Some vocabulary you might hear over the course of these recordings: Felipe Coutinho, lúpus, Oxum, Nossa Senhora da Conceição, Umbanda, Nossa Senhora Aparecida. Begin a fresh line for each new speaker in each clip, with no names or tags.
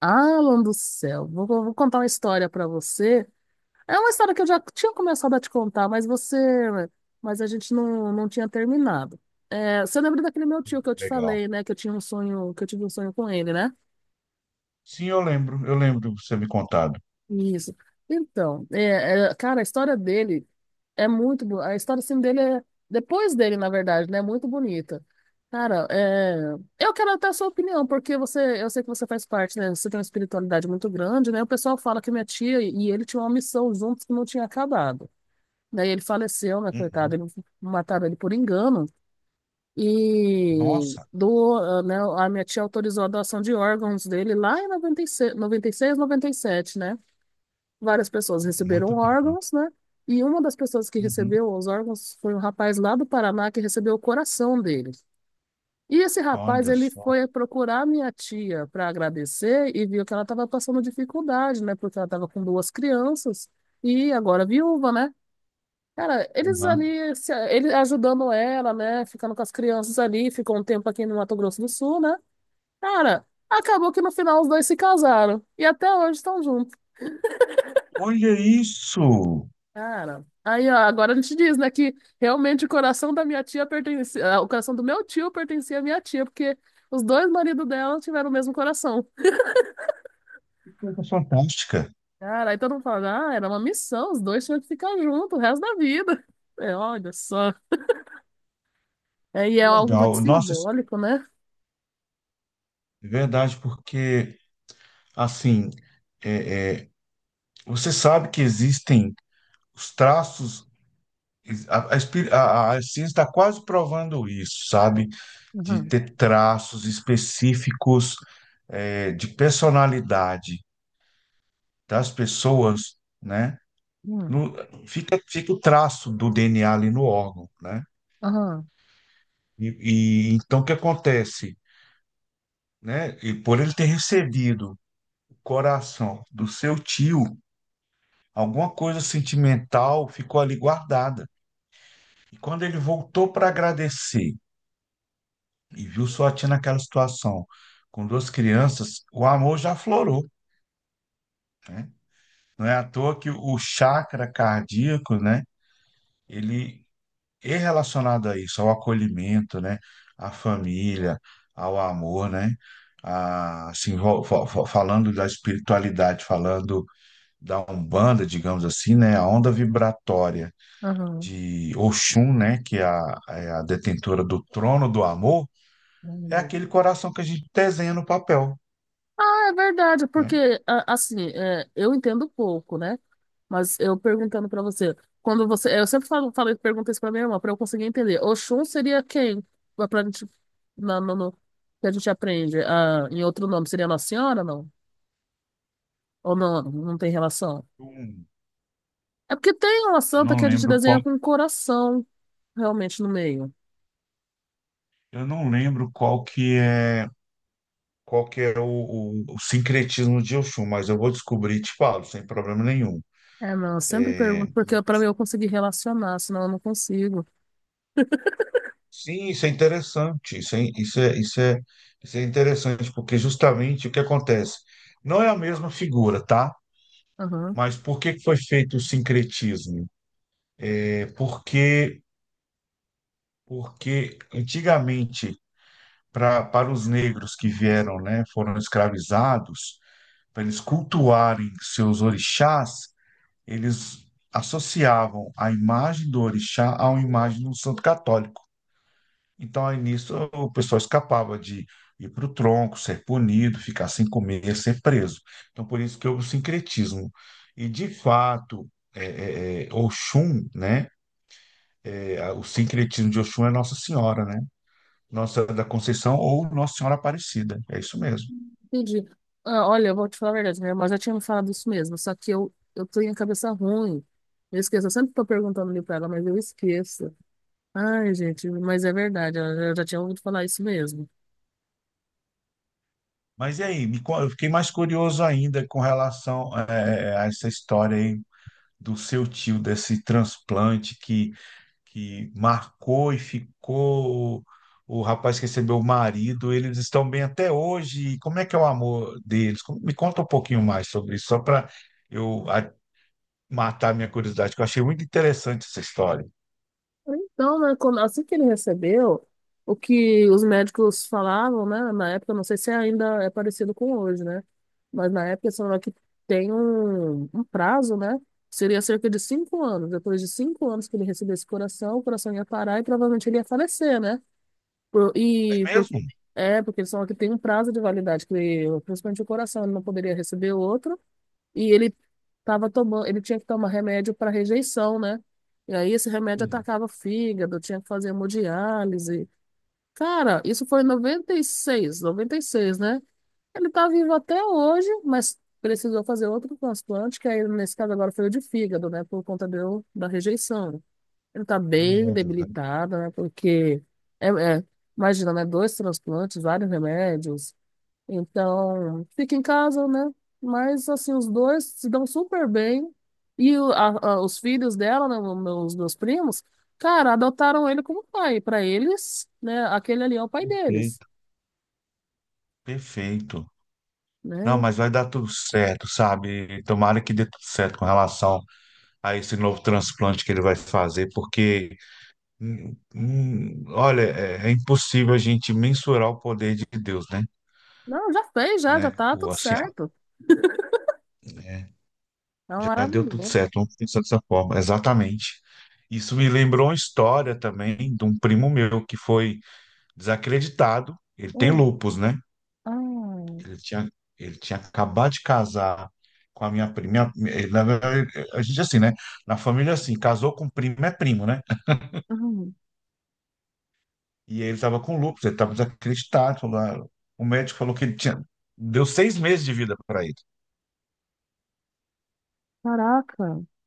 Alan do céu, contar uma história pra você. É uma história que eu já tinha começado a te contar, mas a gente não tinha terminado. É, você lembra daquele meu tio que eu te
Legal.
falei, né? Que eu tive um sonho com ele, né?
Sim, eu lembro de você me contado.
Isso. Então, cara, a história dele é muito boa. A história assim, dele é, depois dele, na verdade, né? É muito bonita. Cara, eu quero até a sua opinião, porque eu sei que você faz parte, né? Você tem uma espiritualidade muito grande, né? O pessoal fala que minha tia e ele tinham uma missão juntos que não tinha acabado. Daí ele faleceu, né, coitado?
Uhum.
Mataram ele por engano. E
Nossa,
né, a minha tia autorizou a doação de órgãos dele lá em noventa e seis noventa e seis noventa e sete, né? Várias pessoas
muito
receberam
tempo, né?
órgãos, né? E uma das pessoas que
Uhum.
recebeu os órgãos foi um rapaz lá do Paraná que recebeu o coração dele. E esse rapaz,
Olha
ele
só.
foi procurar minha tia para agradecer e viu que ela estava passando dificuldade, né? Porque ela estava com duas crianças e agora viúva, né? Cara, eles
Uhum.
ali, ele ajudando ela, né? Ficando com as crianças ali, ficou um tempo aqui no Mato Grosso do Sul, né? Cara, acabou que no final os dois se casaram e até hoje estão juntos.
Olha isso!
Cara, aí ó, agora a gente diz, né, que realmente o coração da minha tia pertencia, o coração do meu tio pertencia à minha tia, porque os dois maridos dela tiveram o mesmo coração.
Que coisa fantástica!
Cara, aí todo mundo fala, era uma missão, os dois tinham que ficar juntos o resto da vida. É, olha só. É, e é
Que
algo
legal!
muito
Nossa, isso
simbólico, né?
é verdade, porque, assim, é, é, você sabe que existem os traços, a, espir- a ciência está quase provando isso, sabe? De
Aham,
ter traços específicos, de personalidade das pessoas, né? No- fica o traço do DNA ali no órgão, né?
aham,
E, e então o que acontece, né? E por ele ter recebido o coração do seu tio, alguma coisa sentimental ficou ali guardada. E quando ele voltou para agradecer e viu sua tia naquela situação com duas crianças, o amor já aflorou, né? Não é à toa que o chakra cardíaco, né? Ele E relacionado a isso, ao acolhimento, né? À família, ao amor, né? Assim, falando da espiritualidade, falando da Umbanda, digamos assim, né? A onda vibratória
aham,
de Oxum, né? Que é a detentora do trono do amor, é
aham.
aquele coração que a gente desenha no papel,
Ah, é verdade,
né?
porque assim, eu entendo pouco, né? Mas eu perguntando pra você, eu sempre falei, pergunto isso pra minha irmã, pra eu conseguir entender. Oxum seria quem? Pra gente, na- no, no- que a gente aprende, em outro nome, seria Nossa Senhora, não? Ou não, não tem relação?
Hum,
É porque tem uma
Eu
santa
não
que a gente
lembro qual,
desenha com um coração realmente no meio.
eu não lembro qual que é o sincretismo de Oxum, mas eu vou descobrir e te falo, sem problema nenhum.
É, não, eu sempre
É,
pergunto, porque pra mim eu conseguir relacionar, senão eu não consigo.
sim, isso é interessante. Isso é interessante, porque justamente o que acontece? Não é a mesma figura, tá? Mas por que que foi feito o sincretismo? É porque, Porque antigamente, para os negros que vieram, né, foram escravizados, para eles cultuarem seus orixás, eles associavam a imagem do orixá à imagem de um santo católico. Então, aí nisso, o pessoal escapava de ir para o tronco, ser punido, ficar sem comer, ser preso. Então, por isso que houve o sincretismo. E, de fato, é, Oxum, né? É, o sincretismo de Oxum é Nossa Senhora, né? Nossa da Conceição ou Nossa Senhora Aparecida. É isso mesmo.
Entendi. Ah, olha, eu vou te falar a verdade, minha irmã já tinha me falado isso mesmo, só que eu tenho a cabeça ruim. Eu esqueço, eu sempre tô perguntando ali pra ela, mas eu esqueço. Ai, gente, mas é verdade, eu já tinha ouvido falar isso mesmo.
Mas e aí? Eu fiquei mais curioso ainda com relação a essa história aí do seu tio, desse transplante que marcou e ficou. O rapaz que recebeu o marido, eles estão bem até hoje. E como é que é o amor deles? Me conta um pouquinho mais sobre isso, só para eu a- matar minha curiosidade, que eu achei muito interessante essa história.
Então, né, assim que ele recebeu, o que os médicos falavam, né, na época, não sei se ainda é parecido com hoje, né, mas na época eles falaram que tem um prazo, né, seria cerca de 5 anos. Depois de 5 anos que ele recebesse o coração ia parar e provavelmente ele ia falecer, né?
É
E
mesmo?
porque eles falam que tem um prazo de validade, que principalmente o coração, ele não poderia receber outro, e ele tava tomando, ele tinha que tomar remédio para rejeição, né? E aí esse remédio
Sim,
atacava o fígado, tinha que fazer hemodiálise. Cara, isso foi em noventa e seis, né? Ele tá vivo até hoje, mas precisou fazer outro transplante, que aí nesse caso agora foi o de fígado, né? Por conta da rejeição. Ele tá bem
remédios, né?
debilitado, né? Porque, é, é, imagina, né? Dois transplantes, vários remédios. Então, fica em casa, né? Mas, assim, os dois se dão super bem. E os filhos dela, né? Meus primos, cara, adotaram ele como pai. Pra eles, né? Aquele ali é o pai deles,
Perfeito. Perfeito. Não,
né?
mas vai dar tudo certo, sabe? Tomara que dê tudo certo com relação a esse novo transplante que ele vai fazer, porque olha, é impossível a gente mensurar o poder de Deus, né?
Não, já fez, já
Né?
tá
Ou
tudo
assim,
certo. É um
já deu tudo
maravilhoso.
certo, vamos pensar dessa forma, exatamente. Isso me lembrou uma história também de um primo meu que foi desacreditado. Ele tem
Hum,
lupus, né?
ah,
Ele tinha, ele tinha acabado de casar com a minha prima. Na verdade, a gente, assim, né? Na família, assim, casou com primo é primo, né?
hum.
E aí ele estava com lúpus, ele estava desacreditado. O médico falou que ele tinha. Deu 6 meses de vida para ele.
Caraca,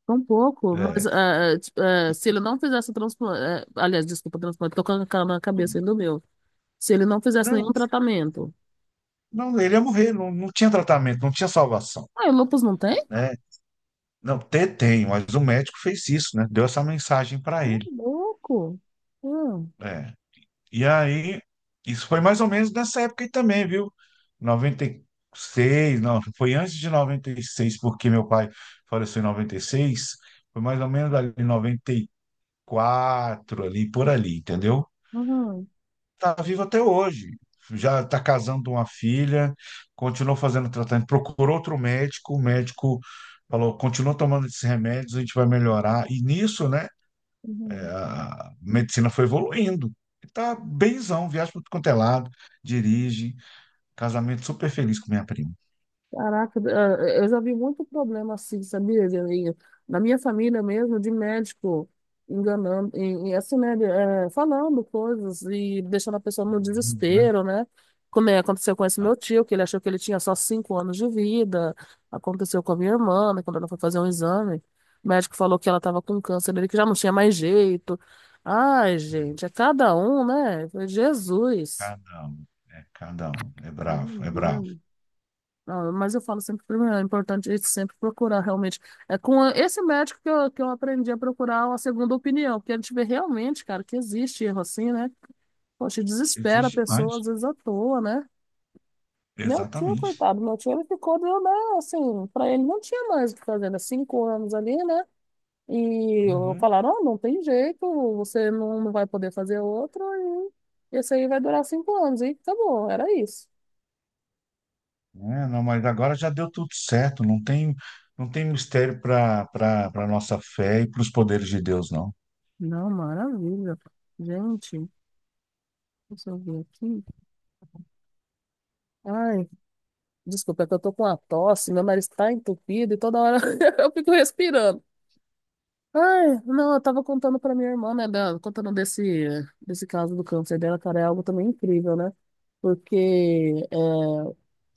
tão pouco. Mas
É.
tipo, se ele não fizesse o transplante. Aliás, desculpa, transplante, tô com a cara na cabeça ainda do meu. Se ele não fizesse nenhum
Não,
tratamento.
não, ele ia morrer, não, não tinha tratamento, não tinha salvação,
Ah, e o lúpus não tem?
né? Não, ter tem, mas o médico fez isso, né? Deu essa mensagem para
Ô,
ele.
louco. Hum,
É. E aí, isso foi mais ou menos nessa época aí também, viu? 96, não, foi antes de 96, porque meu pai faleceu em 96, foi mais ou menos ali em 94, ali, por ali, entendeu?
uhum,
Está vivo até hoje. Já está casando uma filha, continuou fazendo tratamento, procurou outro médico, o médico falou, continua tomando esses remédios, a gente vai melhorar. E nisso, né,
uhum.
a medicina foi evoluindo. Está benzão, viaja para tudo quanto é lado, dirige, casamento super feliz com minha prima.
Caraca, eu já vi muito problema assim, sabia? E na minha família mesmo, de médico enganando, e assim, né, falando coisas e deixando a pessoa no
Uhum. Né?
desespero, né? Como é, aconteceu com esse
Ah,
meu tio, que ele achou que ele tinha só 5 anos de vida. Aconteceu com a minha irmã, né, quando ela foi fazer um exame, o médico falou que ela estava com câncer dele, que já não tinha mais jeito. Ai, gente, é cada um, né? Eu falei, Jesus.
cada um, é cada um, é bravo, é bravo.
Ah, mas eu falo sempre primeiro, é importante a gente sempre procurar realmente. É com esse médico que eu, aprendi a procurar a segunda opinião, porque a gente vê realmente, cara, que existe erro assim, né? Poxa, desespera a
Existe
pessoa,
mais.
às vezes à toa, né? Meu tio,
Exatamente.
coitado, meu tio, ele ficou, deu, né? Assim, pra ele não tinha mais o que fazer, né? 5 anos ali, né? E eu-
Uhum.
falaram, ó, não tem jeito, você não vai poder fazer outro, e esse aí vai durar 5 anos, e acabou, era isso.
É, não, mas agora já deu tudo certo, não tem mistério para nossa fé e para os poderes de Deus, não.
Não, maravilha. Gente, deixa eu ver aqui. Ai, desculpa, é que eu tô com uma tosse, meu nariz tá entupido e toda hora eu fico respirando. Ai, não, eu tava contando pra minha irmã, né, contando desse caso do câncer dela, cara, é algo também incrível, né? Porque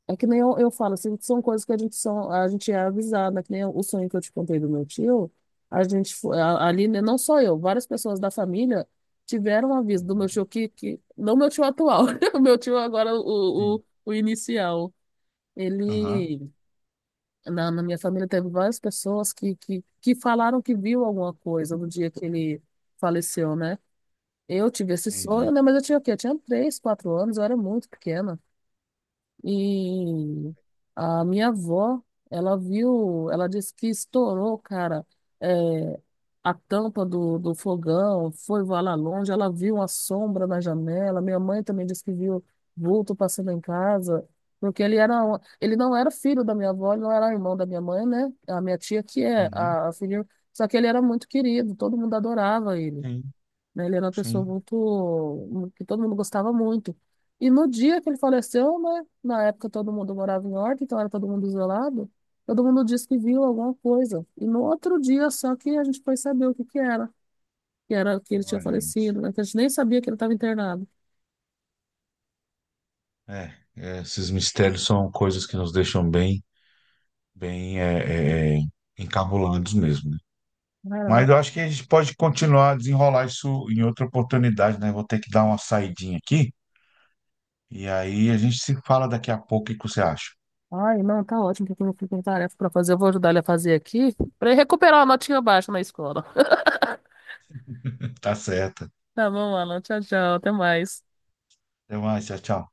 é que nem eu falo, assim, são coisas que a gente, a gente é avisado, né? Que nem o sonho que eu te contei do meu tio, a gente, fo- a- ali, né, não só eu, várias pessoas da família tiveram um aviso do meu
Uhum.
tio que não meu tio atual, o meu tio agora, o,
Sim.
o o inicial.
Aham,
Ele, na minha família, teve várias pessoas que falaram que viu alguma coisa no dia que ele faleceu, né? Eu tive esse sonho,
entendi.
né? Mas eu tinha o quê? Eu tinha 3, 4 anos, eu era muito pequena. E a minha avó, ela viu, ela disse que estourou, cara, é, a tampa do fogão, foi voar lá longe, ela viu uma sombra na janela. Minha mãe também disse que viu vulto passando em casa, porque ele não era filho da minha avó, ele não era irmão da minha mãe, né? A minha tia que é
Uhum.
a filha, só que ele era muito querido, todo mundo adorava ele,
Sim,
né? Ele era uma pessoa
sim.
muito, que todo mundo gostava muito. E no dia que ele faleceu, né? Na época todo mundo morava em Horta, então era todo mundo isolado. Todo mundo disse que viu alguma coisa. E no outro dia só que a gente foi saber o que que era, que era que ele tinha
Olha isso.
falecido, né? Que a gente nem sabia que ele estava internado.
Esses mistérios são coisas que nos deixam bem, bem, encabulados mesmo, né?
Ai, ela
Mas
não.
eu acho que a gente pode continuar a desenrolar isso em outra oportunidade, né? Vou ter que dar uma saidinha aqui e aí a gente se fala daqui a pouco. O que que você acha?
Ai, não, tá ótimo, porque eu não fico com tarefa pra fazer. Eu vou ajudar ele a fazer aqui, pra ele recuperar uma notinha baixa na escola.
Tá certo.
Tá bom, Alan. Tchau, tchau. Até mais.
Até mais, tchau, tchau.